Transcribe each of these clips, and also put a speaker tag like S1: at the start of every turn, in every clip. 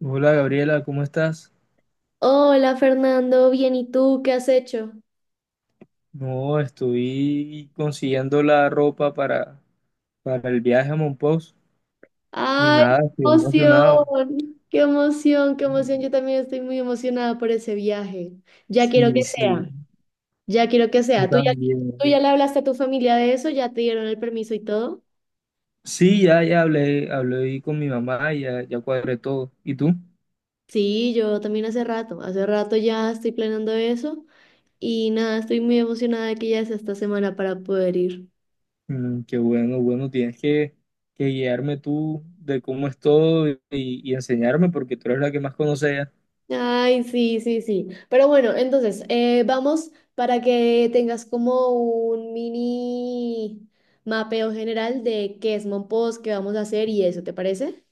S1: Hola Gabriela, ¿cómo estás?
S2: Hola Fernando, bien, ¿y tú qué has hecho?
S1: No, estoy consiguiendo la ropa para el viaje a Monpós y
S2: ¡Ay,
S1: nada, estoy
S2: qué emoción!
S1: emocionado.
S2: ¡Qué emoción, qué emoción! Yo también estoy muy emocionada por ese viaje. Ya quiero
S1: Sí,
S2: que
S1: sí,
S2: sea, ya quiero que
S1: yo
S2: sea. ¿Tú ya, tú
S1: también.
S2: ya le hablaste a tu familia de eso? ¿Ya te dieron el permiso y todo?
S1: Sí, ya, ya hablé ahí con mi mamá, ya, ya cuadré todo. ¿Y tú?
S2: Sí, yo también hace rato ya estoy planeando eso y nada, estoy muy emocionada de que ya sea esta semana para poder ir.
S1: Qué bueno, bueno, tienes que guiarme tú de cómo es todo y enseñarme porque tú eres la que más conoce ya.
S2: Ay, sí, sí, sí. Pero bueno, entonces, vamos para que tengas como un mini mapeo general de qué es Monpós, qué vamos a hacer y eso, ¿te parece?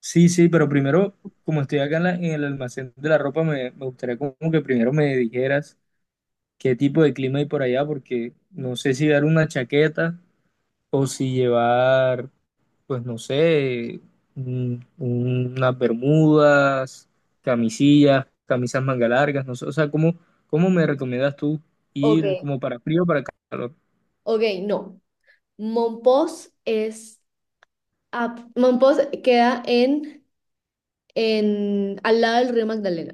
S1: Sí, sí, pero primero, como estoy acá en el almacén de la ropa, me gustaría como que primero me dijeras, qué tipo de clima hay por allá, porque no sé si llevar una chaqueta o si llevar, pues no sé, unas bermudas, camisillas, camisas manga largas, no sé, o sea, ¿cómo me recomiendas tú ir
S2: Ok,
S1: como para frío o para calor?
S2: Ok, no. Monpós es... Monpós queda al lado del río Magdalena.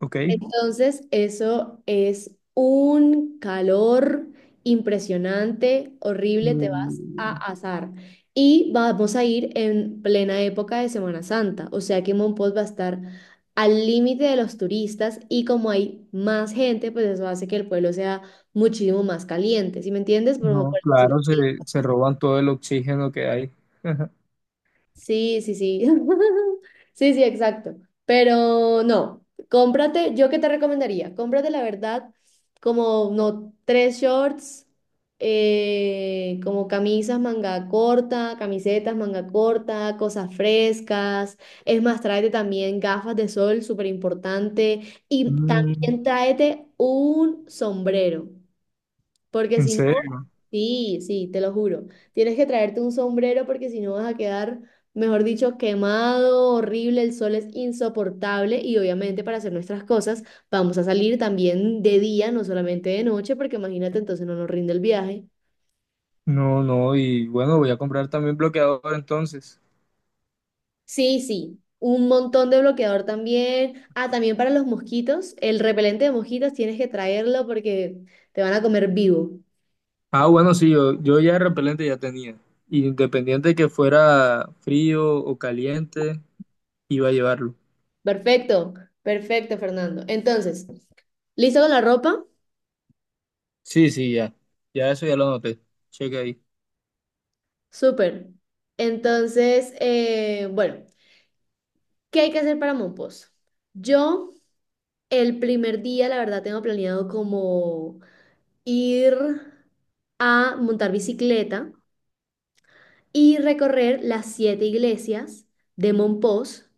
S1: ¿Ok?
S2: Entonces, eso es un calor impresionante, horrible, te vas a
S1: Mm.
S2: asar. Y vamos a ir en plena época de Semana Santa, o sea que Monpós va a estar al límite de los turistas y como hay más gente, pues eso hace que el pueblo sea muchísimo más caliente, ¿sí me entiendes? Como
S1: No,
S2: por decirlo
S1: claro, se,
S2: así.
S1: se roban todo el oxígeno que hay.
S2: Sí, sí, sí. Sí, sí, exacto. Pero no, cómprate, yo qué te recomendaría, cómprate la verdad como no tres shorts, como camisas manga corta, camisetas manga corta, cosas frescas. Es más, tráete también gafas de sol, súper importante. Y
S1: Mm.
S2: también tráete un sombrero, porque
S1: ¿En
S2: si...
S1: serio?
S2: Sí, sí, te lo juro. Tienes que traerte un sombrero porque si no vas a quedar, mejor dicho, quemado, horrible, el sol es insoportable y obviamente para hacer nuestras cosas vamos a salir también de día, no solamente de noche, porque imagínate, entonces no nos rinde el viaje.
S1: No, no, y bueno, voy a comprar también bloqueador entonces.
S2: Sí, sí, un montón de bloqueador también. Ah, también para los mosquitos, el repelente de mosquitos tienes que traerlo porque te van a comer vivo.
S1: Ah, bueno, sí, yo ya repelente ya tenía. Independiente que fuera frío o caliente, iba a llevarlo.
S2: Perfecto, perfecto, Fernando. Entonces, ¿listo con la ropa?
S1: Sí, sí, ya. Ya eso ya lo noté. Checa ahí.
S2: Súper. Entonces, bueno, ¿qué hay que hacer para Mompox? Yo el primer día, la verdad, tengo planeado como ir a montar bicicleta y recorrer las siete iglesias de Mompox,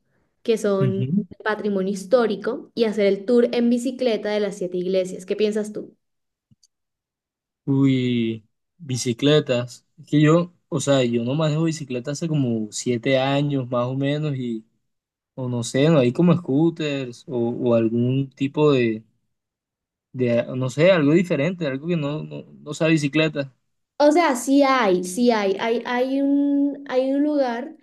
S2: que son
S1: Ujú.
S2: patrimonio histórico, y hacer el tour en bicicleta de las siete iglesias. ¿Qué piensas tú?
S1: Uy, bicicletas. Es que yo, o sea, yo no manejo bicicleta hace como 7 años más o menos y, o no sé, no hay como scooters o algún tipo de, no sé, algo diferente, algo que no, no, no sea bicicleta.
S2: O sea, sí hay, sí hay. Hay un lugar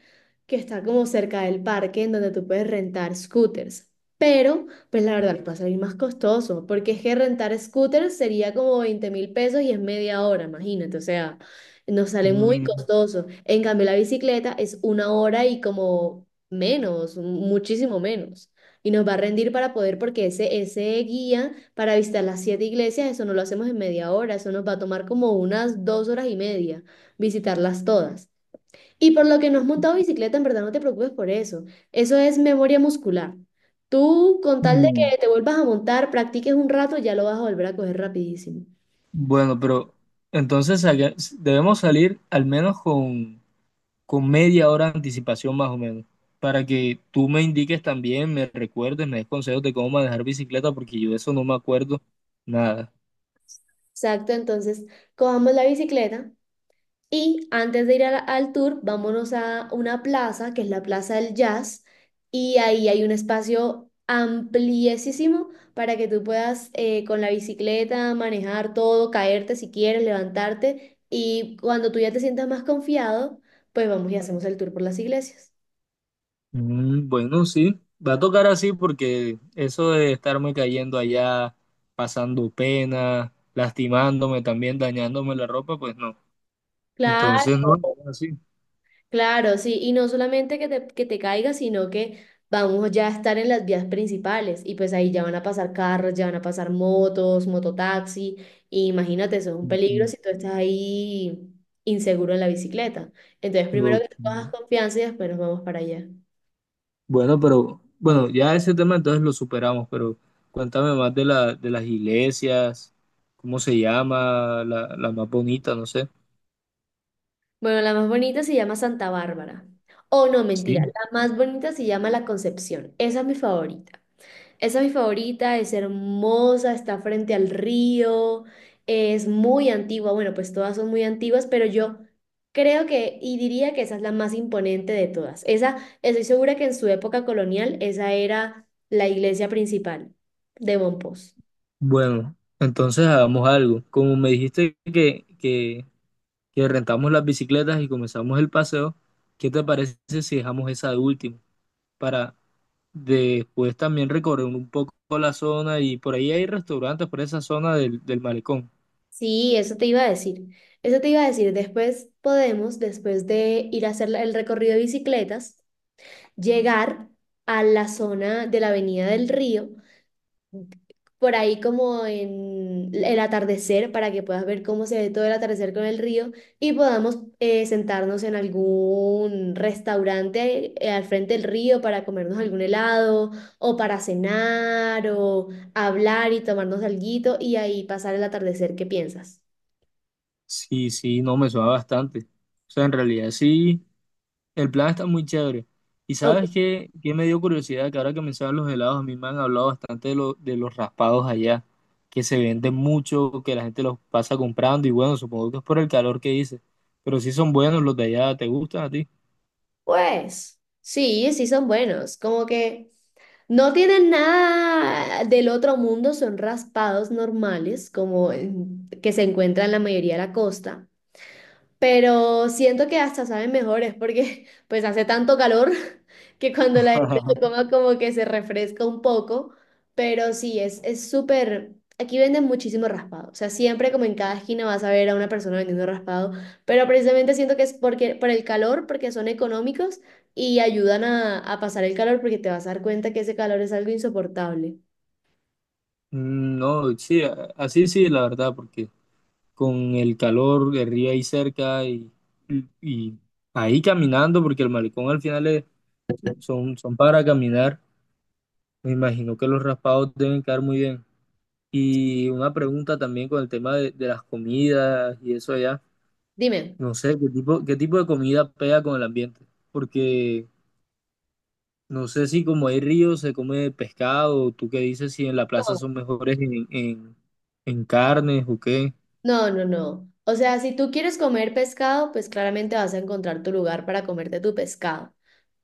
S2: que está como cerca del parque en donde tú puedes rentar scooters. Pero, pues la verdad, va a salir más costoso, porque es que rentar scooters sería como 20.000 pesos y es media hora, imagínate. O sea, nos sale muy
S1: Mm.
S2: costoso. En cambio, la bicicleta es una hora y como menos, muchísimo menos. Y nos va a rendir para poder, porque ese guía para visitar las siete iglesias, eso no lo hacemos en media hora, eso nos va a tomar como unas 2 horas y media visitarlas todas. Y por lo que no has montado bicicleta, en verdad no te preocupes por eso. Eso es memoria muscular. Tú, con tal de que te vuelvas a montar, practiques un rato, ya lo vas a volver a coger rapidísimo.
S1: Bueno, pero entonces debemos salir al menos con media hora de anticipación más o menos, para que tú me indiques también, me recuerdes, me des consejos de cómo manejar bicicleta, porque yo de eso no me acuerdo nada.
S2: Exacto, entonces cojamos la bicicleta. Y antes de ir al tour, vámonos a una plaza, que es la Plaza del Jazz, y ahí hay un espacio ampliesísimo para que tú puedas con la bicicleta manejar todo, caerte si quieres, levantarte, y cuando tú ya te sientas más confiado, pues vamos y hacemos el tour por las iglesias.
S1: Bueno, sí, va a tocar así porque eso de estarme cayendo allá, pasando pena, lastimándome también, dañándome la ropa, pues no.
S2: Claro.
S1: Entonces no, así.
S2: Claro, sí, y no solamente que te caiga, sino que vamos ya a estar en las vías principales y pues ahí ya van a pasar carros, ya van a pasar motos, mototaxi, y imagínate, eso es un peligro si tú estás ahí inseguro en la bicicleta. Entonces, primero
S1: Ujú.
S2: que tú cojas confianza y después nos vamos para allá.
S1: Bueno, pero bueno, ya ese tema entonces lo superamos, pero cuéntame más de las iglesias, cómo se llama, la más bonita, no sé.
S2: Bueno, la más bonita se llama Santa Bárbara. Oh, no, mentira,
S1: Sí.
S2: la más bonita se llama La Concepción. Esa es mi favorita. Esa es mi favorita, es hermosa, está frente al río, es muy antigua. Bueno, pues todas son muy antiguas, pero yo creo que y diría que esa es la más imponente de todas. Esa, estoy segura que en su época colonial, esa era la iglesia principal de Mompós.
S1: Bueno, entonces hagamos algo. Como me dijiste que rentamos las bicicletas y comenzamos el paseo, ¿qué te parece si dejamos esa de último? Para después también recorrer un poco la zona y por ahí hay restaurantes por esa zona del malecón.
S2: Sí, eso te iba a decir. Eso te iba a decir. Después podemos, después de ir a hacer el recorrido de bicicletas, llegar a la zona de la Avenida del Río por ahí como en el atardecer para que puedas ver cómo se ve todo el atardecer con el río y podamos sentarnos en algún restaurante al frente del río para comernos algún helado o para cenar o hablar y tomarnos alguito y ahí pasar el atardecer. ¿Qué piensas?
S1: Sí, sí, no me suena bastante. O sea, en realidad sí. El plan está muy chévere. Y sabes
S2: Ok.
S1: qué me dio curiosidad, que ahora que mencionan los helados, a mí me han hablado bastante de los raspados allá, que se venden mucho, que la gente los pasa comprando y bueno, supongo que es por el calor que hice, pero sí son buenos los de allá, ¿te gustan a ti?
S2: Pues sí, sí son buenos. Como que no tienen nada del otro mundo, son raspados normales, como en- que se encuentran en la mayoría de la costa. Pero siento que hasta saben mejores porque pues hace tanto calor que cuando la gente lo coma como que se refresca un poco. Pero sí, es súper... Aquí venden muchísimo raspado. O sea, siempre como en cada esquina vas a ver a una persona vendiendo raspado. Pero precisamente siento que es porque, por el calor, porque son económicos y ayudan a pasar el calor porque te vas a dar cuenta que ese calor es algo insoportable.
S1: No, sí, así sí, la verdad, porque con el calor de río ahí cerca y ahí caminando, porque el malecón al final son para caminar, me imagino que los raspados deben quedar muy bien. Y una pregunta también con el tema de las comidas y eso allá.
S2: Dime.
S1: No sé, ¿qué tipo de comida pega con el ambiente? Porque no sé si como hay ríos se come pescado, ¿tú qué dices si en la plaza son mejores en carnes o qué?
S2: No, no, no. O sea, si tú quieres comer pescado, pues claramente vas a encontrar tu lugar para comerte tu pescado.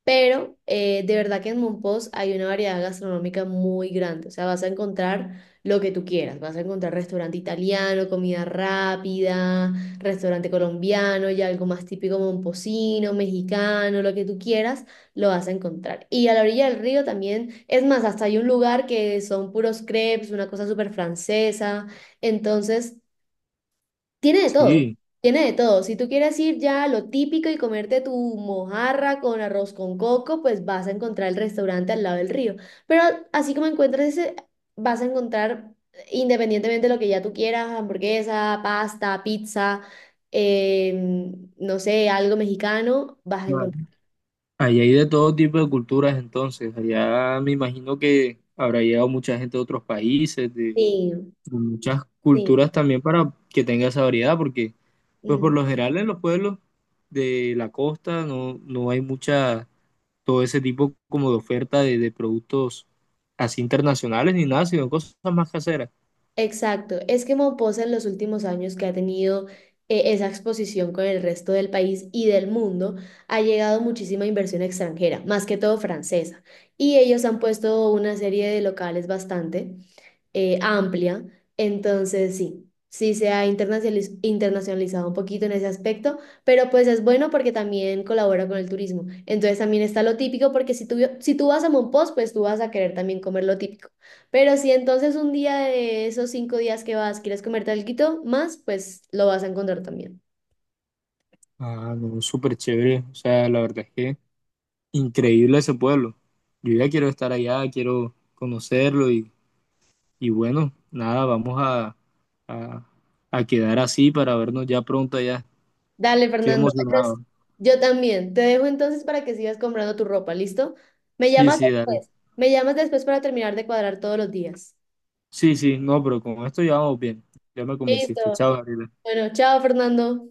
S2: Pero de verdad que en Mompox hay una variedad gastronómica muy grande. O sea, vas a encontrar lo que tú quieras. Vas a encontrar restaurante italiano, comida rápida, restaurante colombiano, ya algo más típico momposino, mexicano, lo que tú quieras, lo vas a encontrar. Y a la orilla del río también, es más, hasta hay un lugar que son puros crepes, una cosa súper francesa. Entonces... Tiene de todo,
S1: Sí.
S2: tiene de todo. Si tú quieres ir ya a lo típico y comerte tu mojarra con arroz con coco, pues vas a encontrar el restaurante al lado del río. Pero así como encuentras ese, vas a encontrar, independientemente de lo que ya tú quieras, hamburguesa, pasta, pizza, no sé, algo mexicano, vas a
S1: Ah,
S2: encontrar.
S1: allá hay de todo tipo de culturas entonces. Allá me imagino que habrá llegado mucha gente de otros países, de,
S2: Sí,
S1: de muchas culturas también para que tenga esa variedad, porque pues por
S2: sí.
S1: lo general en los pueblos de la costa, no, no hay mucha, todo ese tipo como de oferta de productos así internacionales ni nada, sino cosas más caseras.
S2: Exacto, es que Mompasa en los últimos años que ha tenido esa exposición con el resto del país y del mundo, ha llegado muchísima inversión extranjera, más que todo francesa, y ellos han puesto una serie de locales bastante amplia. Entonces, sí, sí se ha internacionalizado un poquito en ese aspecto, pero pues es bueno porque también colabora con el turismo. Entonces también está lo típico, porque si tú vas a Mompox, pues tú vas a querer también comer lo típico. Pero si entonces un día de esos 5 días que vas quieres comerte algo más, pues lo vas a encontrar también.
S1: Ah, no, súper chévere. O sea, la verdad es que increíble ese pueblo. Yo ya quiero estar allá, quiero conocerlo y bueno, nada, vamos a, a quedar así para vernos ya pronto allá.
S2: Dale,
S1: Estoy
S2: Fernando. Entonces,
S1: emocionado.
S2: yo también. Te dejo entonces para que sigas comprando tu ropa, ¿listo? Me
S1: Sí,
S2: llamas
S1: sí, dale.
S2: después. Me llamas después para terminar de cuadrar todos los días.
S1: Sí, sí, no, pero con esto ya vamos bien. Ya me convenciste.
S2: Listo.
S1: Chao, Gabriela.
S2: Bueno, chao Fernando.